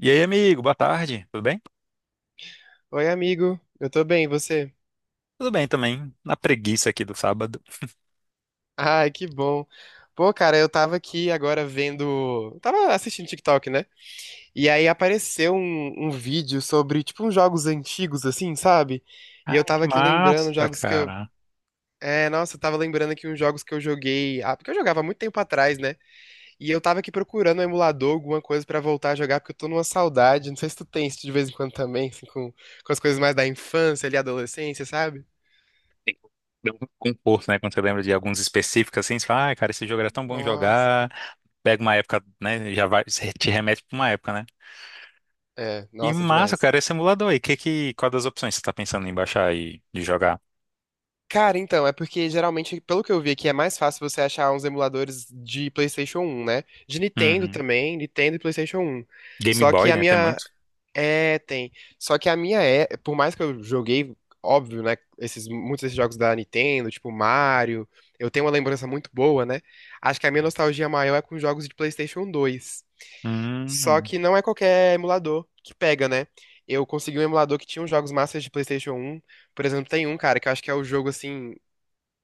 E aí, amigo, boa tarde, tudo bem? Oi, amigo. Eu tô bem, e você? Tudo bem também, na preguiça aqui do sábado. Ai, que bom. Pô, cara, eu tava aqui agora vendo. Tava assistindo TikTok, né? E aí apareceu um vídeo sobre, tipo, uns jogos antigos, assim, sabe? E Ah, eu que tava aqui lembrando massa, jogos que eu. cara. É, nossa, eu tava lembrando aqui uns jogos que eu joguei. Ah, porque eu jogava há muito tempo atrás, né? E eu tava aqui procurando um emulador, alguma coisa pra voltar a jogar, porque eu tô numa saudade. Não sei se tu tem isso de vez em quando também, assim, com as coisas mais da infância ali, adolescência, sabe? Tem- Dá um conforto, né? Quando você lembra de alguns específicos assim, você fala, ah, cara, esse jogo era tão bom Nossa. jogar. Pega uma época, né? Já vai, você te remete pra uma época, né? É, E nossa, massa, demais. cara, esse emulador aí, qual das opções você tá pensando em baixar e de jogar? Cara, então, é porque geralmente, pelo que eu vi aqui, é mais fácil você achar uns emuladores de PlayStation 1, né? De Nintendo Uhum. também, Nintendo e PlayStation 1. Game Só que Boy, a né? Tem minha, muito. é, tem. Só que a minha é, por mais que eu joguei, óbvio, né, esses muitos desses jogos da Nintendo, tipo Mario, eu tenho uma lembrança muito boa, né? Acho que a minha nostalgia maior é com jogos de PlayStation 2. Só Hum, que não é qualquer emulador que pega, né? Eu consegui um emulador que tinha os jogos massas de PlayStation 1. Por exemplo, tem um, cara, que eu acho que é o jogo assim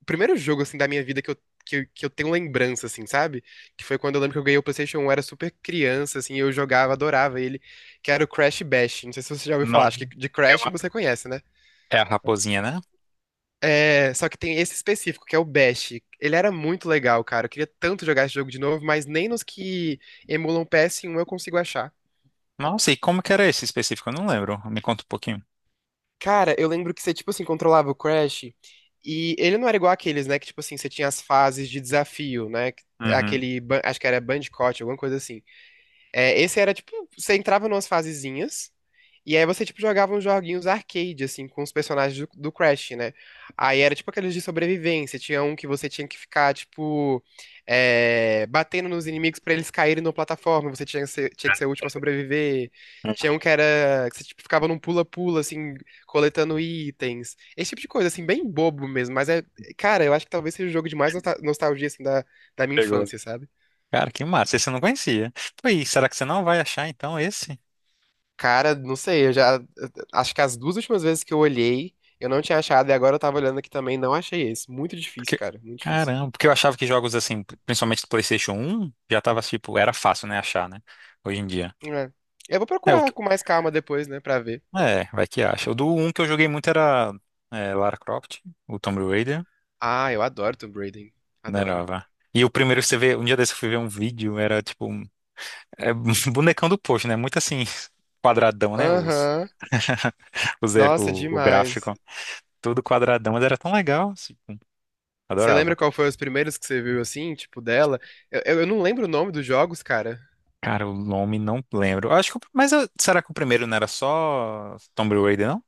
o primeiro jogo, assim, da minha vida que eu tenho lembrança, assim, sabe? Que foi quando eu lembro que eu ganhei o PlayStation 1, eu era super criança, assim, eu jogava, adorava ele, que era o Crash Bash. Não sei se você já ouviu não. falar, acho que de Crash uma- você conhece, né? é a raposinha, né? É, só que tem esse específico, que é o Bash. Ele era muito legal, cara. Eu queria tanto jogar esse jogo de novo, mas nem nos que emulam PS1 eu consigo achar. Nossa, e como que era esse específico? Eu não lembro. Me conta um pouquinho. Cara, eu lembro que você, tipo assim, controlava o Crash e ele não era igual aqueles, né? Que, tipo assim, você tinha as fases de desafio, né? Uhum. Aquele, acho que era Bandicoot, alguma coisa assim. É, esse era tipo, você entrava numas fasezinhas, e aí você tipo jogava uns joguinhos arcade, assim, com os personagens do Crash, né? Aí era tipo aqueles de sobrevivência, tinha um que você tinha que ficar, tipo, batendo nos inimigos pra eles caírem na plataforma, você tinha que ser o último a sobreviver. Tinha um que era, que você tipo, ficava num pula-pula, assim, coletando itens. Esse tipo de coisa, assim, bem bobo mesmo, mas é, cara, eu acho que talvez seja o jogo de mais nostalgia, assim, da minha Pegou. infância, sabe? Cara, que massa. Esse eu não conhecia. Pô, e será que você não vai achar então esse? Cara, não sei, eu já. Acho que as duas últimas vezes que eu olhei, eu não tinha achado, e agora eu tava olhando aqui também, não achei esse. Muito difícil, Porque, cara, muito difícil. caramba, porque eu achava que jogos assim, principalmente do PlayStation um, já tava tipo, era fácil, né, achar, né? Hoje em dia. É. Eu vou É, o procurar que... com mais calma depois, né, pra ver. é, vai que acha. O do um que eu joguei muito era Lara Croft, o Tomb Raider, Ah, eu adoro Tomb Raider. não era, Adoro. vá. E o primeiro que você vê, um dia desse eu fui ver um vídeo, era tipo, é, bonecão do posto, né? Muito assim, quadradão, né? Aham. Nossa, O demais. gráfico, tudo quadradão, mas era tão legal, assim, Você lembra adorava. qual foi os primeiros que você viu assim, tipo, dela? Eu não lembro o nome dos jogos, cara. Cara, o nome não lembro. Eu acho que será que o primeiro não era só Tomb Raider, não?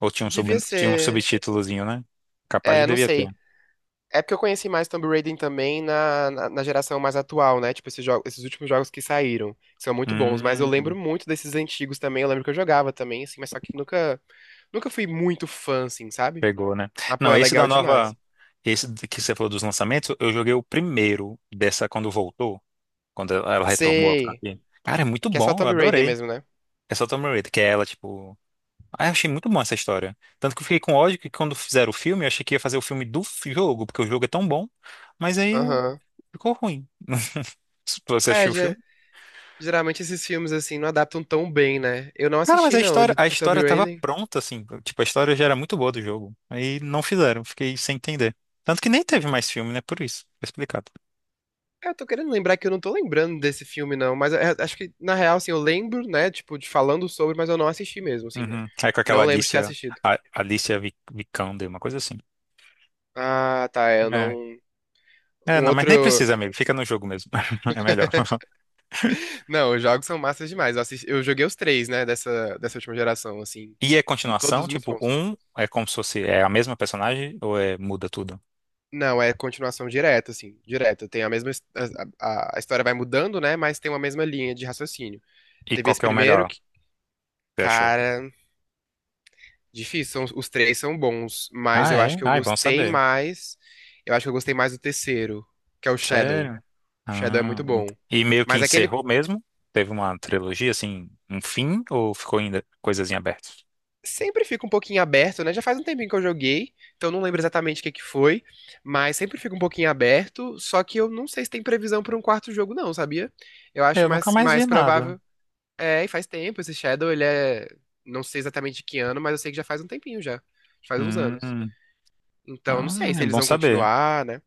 Ou tinha Devia tinha um ser. subtítulozinho, né? Capaz de É, não devia ter. sei. É porque eu conheci mais Tomb Raider também na geração mais atual, né? Tipo, esses, jogos, esses últimos jogos que saíram, que são muito bons. Mas eu Hum, lembro muito desses antigos também. Eu lembro que eu jogava também, assim, mas só que nunca fui muito fã, assim, sabe? pegou, né? Mas, pô, Não, é esse da legal demais. nova. Esse que você falou dos lançamentos, eu joguei o primeiro dessa quando voltou, quando ela retomou a Sei. franquia. Cara, é muito Que é só bom, eu Tomb Raider adorei. mesmo, né? É só Tomb Raider, que é ela, tipo. Ah, eu achei muito bom essa história. Tanto que eu fiquei com ódio que quando fizeram o filme, eu achei que ia fazer o filme do jogo, porque o jogo é tão bom, mas aí Aham. ficou ruim. Você É, assistiu o filme? geralmente esses filmes, assim, não adaptam tão bem, né? Eu não Cara, mas assisti, não, de, a de Tomb história tava Raider. pronta, assim. Tipo, a história já era muito boa do jogo. Aí não fizeram, fiquei sem entender. Tanto que nem teve mais filme, né? Por isso, tá explicado. É, eu tô querendo lembrar que eu não tô lembrando desse filme, não. Mas é, acho que, na real, assim, eu lembro, né? Tipo, de falando sobre, mas eu não assisti mesmo, É. assim. Uhum. Aí com aquela Não lembro de ter Alicia, assistido. a, Vikander, uma coisa assim. Ah, tá, é, eu É. não. É, Um não, mas nem outro. precisa, amigo. Fica no jogo mesmo. É melhor. Não, os jogos são massas demais. Eu joguei os três, né, dessa última geração, assim. E é m- continuação, Todos muito tipo, bons. um é como se fosse, é a mesma personagem ou é muda tudo? Não, é continuação direta, assim, direta. Tem a mesma. A história vai mudando, né, mas tem uma mesma linha de raciocínio. E Teve qual esse que é o primeiro melhor, que, você achou? cara, difícil. Os três são bons, mas Ah, eu acho é? que eu Ah, é bom gostei saber. mais. Eu acho que eu gostei mais do terceiro, que é o Shadow. Sério? Shadow é Ah, muito muito- bom. e meio que Mas aquele encerrou mesmo? Teve uma trilogia, assim, um fim? Ou ficou ainda coisas em aberto? sempre fica um pouquinho aberto, né? Já faz um tempinho que eu joguei, então não lembro exatamente o que que foi, mas sempre fica um pouquinho aberto, só que eu não sei se tem previsão para um quarto jogo não, sabia? Eu acho Eu nunca mais, mais mais vi nada. provável. É, e faz tempo, esse Shadow, ele é, não sei exatamente de que ano, mas eu sei que já faz um tempinho já, já faz uns anos. Hum, Então não ah, sei se é eles bom vão saber. continuar, né?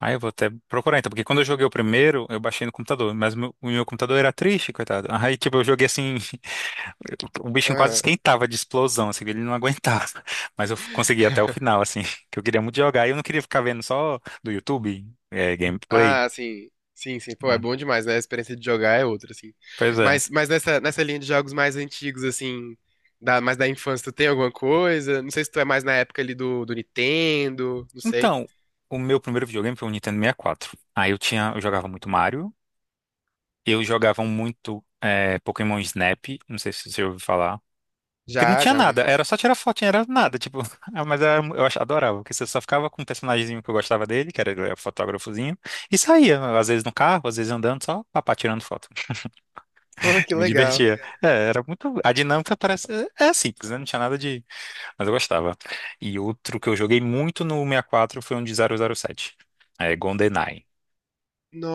Ah, eu vou até procurar então, porque quando eu joguei o primeiro, eu baixei no computador, mas o meu computador era triste, coitado. Aí, tipo, eu joguei assim, o bichinho quase esquentava de explosão, assim, ele não aguentava. Mas eu consegui até o final, assim, que eu queria muito jogar e eu não queria ficar vendo só do YouTube, é, gameplay. Ah, sim. Sim, sim. Pô, é Né? bom demais, né? A experiência de jogar é outra, assim. Pois é. Mas nessa linha de jogos mais antigos, assim, da, mais da infância, tu tem alguma coisa? Não sei se tu é mais na época ali do Nintendo, não sei. Então, o meu primeiro videogame foi um Nintendo sessenta e Quatro. Aí eu tinha, eu jogava muito Mario, eu jogava muito Pokémon Snap, não sei se você ouviu falar. Que não Já, tinha já ouvi nada, falar. era só tirar fotinha, era nada, tipo, ah, mas adorava, porque você só ficava com um personagemzinho que eu gostava dele, que era ele era fotógrafozinho, e saía, às vezes no carro, às vezes andando, só papá tirando foto. Pô, que Eu me legal. divertia. É, era muito. A dinâmica parece. É é simples, né? Não tinha nada de. Mas eu gostava. E outro que eu joguei muito no 64 foi um de zero zero sete. É, GoldenEye.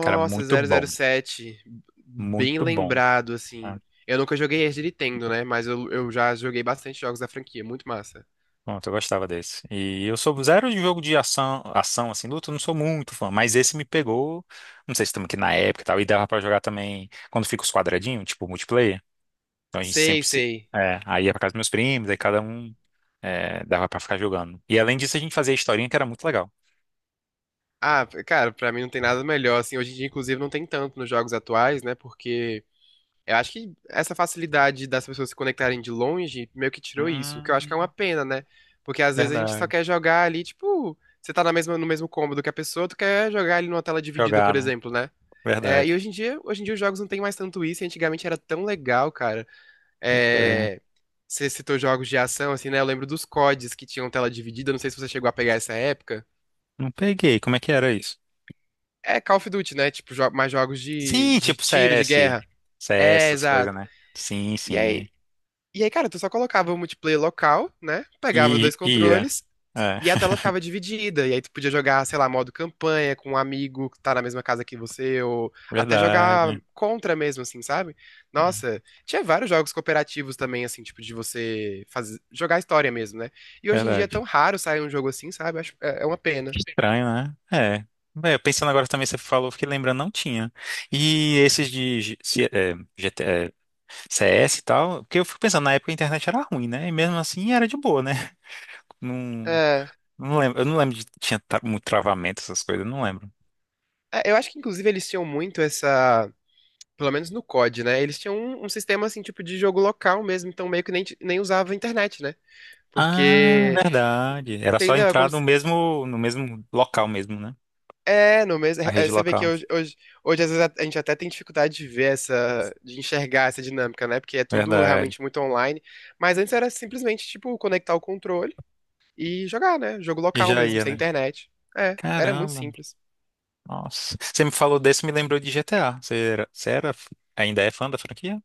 Cara, muito zero zero bom. sete, bem Muito bom. lembrado, Ah, assim. Eu nunca joguei esse de Nintendo, né? Mas eu já joguei bastante jogos da franquia. Muito massa. pronto, eu gostava desse. E eu sou zero de jogo de ação, ação assim, luta, eu não sou muito fã, mas esse me pegou. Não sei se estamos aqui na época e tal. E dava pra jogar também quando fica os quadradinhos, tipo multiplayer. Então a gente Sei, sempre se. sei. É, aí ia pra casa dos meus primos, aí cada um dava pra ficar jogando. E além disso, a gente fazia historinha que era muito legal. Ah, cara, pra mim não tem nada melhor, assim. Hoje em dia, inclusive, não tem tanto nos jogos atuais, né? Porque eu acho que essa facilidade das pessoas se conectarem de longe meio que tirou isso, o que eu acho que é Hum, uma pena, né? Porque às vezes a gente só verdade. quer jogar ali, tipo, você tá na mesma, no mesmo cômodo que a pessoa, tu quer jogar ali numa tela dividida, Jogar, por né? exemplo, né? É, Verdade. e hoje em dia os jogos não tem mais tanto isso, e antigamente era tão legal, cara. Pois é. É, você citou jogos de ação, assim, né? Eu lembro dos CODs que tinham tela dividida, não sei se você chegou a pegar essa época. Não peguei. Como é que era isso? É Call of Duty, né? Tipo, mais jogos Sim, de tipo tiro, de CS, guerra. CS, É, essas coisas, exato. né? Sim, E sim. aí, E aí, cara, tu só colocava o multiplayer local, né? Pegava os E dois ia. controles É. e a tela ficava dividida. E aí tu podia jogar, sei lá, modo campanha com um amigo que tá na mesma casa que você, ou até jogar Verdade, contra mesmo, assim, sabe? Nossa, tinha vários jogos cooperativos também, assim, tipo, de você fazer, jogar história mesmo, né? E hoje em dia é tão verdade. raro sair um jogo assim, sabe? É uma Que pena. estranho, né? É. Bem, eu pensando agora também, você falou, fiquei lembrando, não tinha. E esses de GT CS e tal, porque eu fico pensando, na época a internet era ruim, né? E mesmo assim era de boa, né? Não, É, não lembro, eu não lembro de muito travamento, essas coisas, eu não lembro. é, eu acho que inclusive eles tinham muito essa. Pelo menos no COD, né? Eles tinham um sistema assim, tipo de jogo local mesmo, então meio que nem, nem usava internet, né? Ah, Porque. verdade. Era só Entendeu? É como entrar se. No mesmo local mesmo, né? É, não mesmo. A É, é, rede você vê que local. hoje, às vezes, a gente até tem dificuldade de ver essa, de enxergar essa dinâmica, né? Porque é tudo Verdade. realmente muito online. Mas antes era simplesmente, tipo, conectar o controle e jogar, né? Jogo E local já mesmo, ia, sem né? internet. É, era muito Caramba, simples. nossa. Você me falou desse, me lembrou de GTA. Ainda é fã da franquia?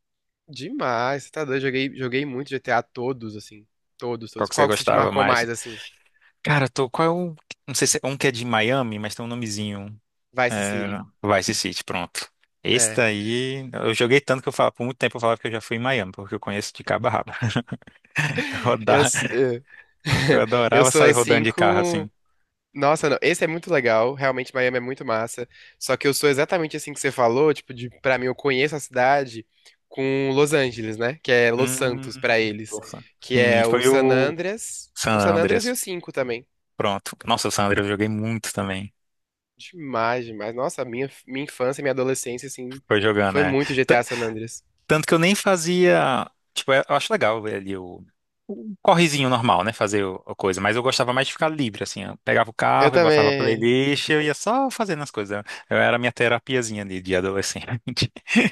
Demais, você tá doido. Joguei muito GTA todos, assim. Todos, Qual todos. que você Qual que se te gostava marcou mais? mais, assim? Cara, tô, qual é o, não sei se é um que é de Miami, mas tem um nomezinho. Vice É, City. Vice City, pronto. Esse É. daí, eu joguei tanto que eu falava, por muito tempo eu falava que eu já fui em Miami, porque eu conheço de cabo a rabo. Eu Eu, rodava- s- eu, eu eu adorava sou sair rodando assim de carro com. assim. Nossa, não. Esse é muito legal. Realmente, Miami é muito massa. Só que eu sou exatamente assim que você falou. Tipo, de, pra mim, eu conheço a cidade com Los Angeles, né? Que é Los Hum, Santos pra eles. nossa. Que Sim, é o foi San o Andreas. San O San Andreas e Andreas. o 5 também. Pronto. Nossa, Sandra, eu joguei muito também. Demais, demais. Nossa, minha infância, minha adolescência, assim, Foi jogando, foi né? muito Tan- GTA San Andreas. Tanto que eu nem fazia. Tipo, é, eu acho legal ver ali o correzinho normal, né? A coisa. Mas eu gostava mais de ficar livre, assim. Eu pegava o Eu carro e botava a também. playlist, eu ia só fazendo as coisas. Eu era a minha terapiazinha ali de adolescente.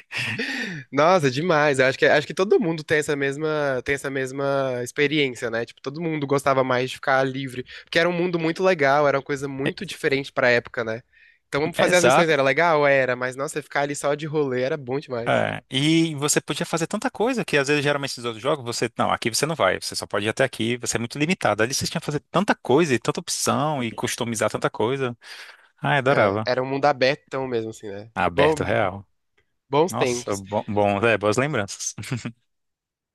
Nossa, demais. Eu acho que todo mundo tem essa mesma, experiência, né? Tipo, todo mundo gostava mais de ficar livre, porque era um mundo muito legal, era uma coisa É, muito diferente pra época, né? Então, vamos é fazer as missões exato. era legal? Era, mas nossa, ficar ali só de rolê era bom demais. É, e você podia fazer tanta coisa que às vezes geralmente esses outros jogos você, não, aqui você não vai, você só pode ir até aqui, você é muito limitado. Ali você tinha que fazer tanta coisa e tanta opção e customizar tanta coisa. Ah, É, adorava. era um mundo abertão mesmo, assim, né? Bo- Aberto real. bons Nossa, tempos. bom, bom, é, boas lembranças.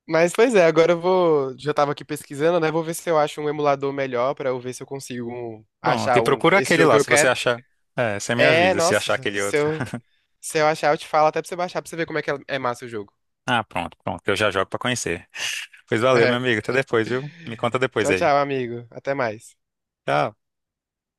Mas, pois é, agora eu vou. Já tava aqui pesquisando, né? Vou ver se eu acho um emulador melhor pra eu ver se eu consigo Pronto, achar e um, procura esse aquele jogo que lá, eu se você quero. achar. É, você me É, avisa se nossa, achar aquele se outro. eu, Se eu achar, eu te falo até pra você baixar pra você ver como é que é massa o jogo. Ah, pronto, pronto, eu já jogo pra conhecer. Pois valeu, meu É. amigo, até depois, viu? Me conta depois Tchau, aí. tchau, amigo. Até mais. Tchau.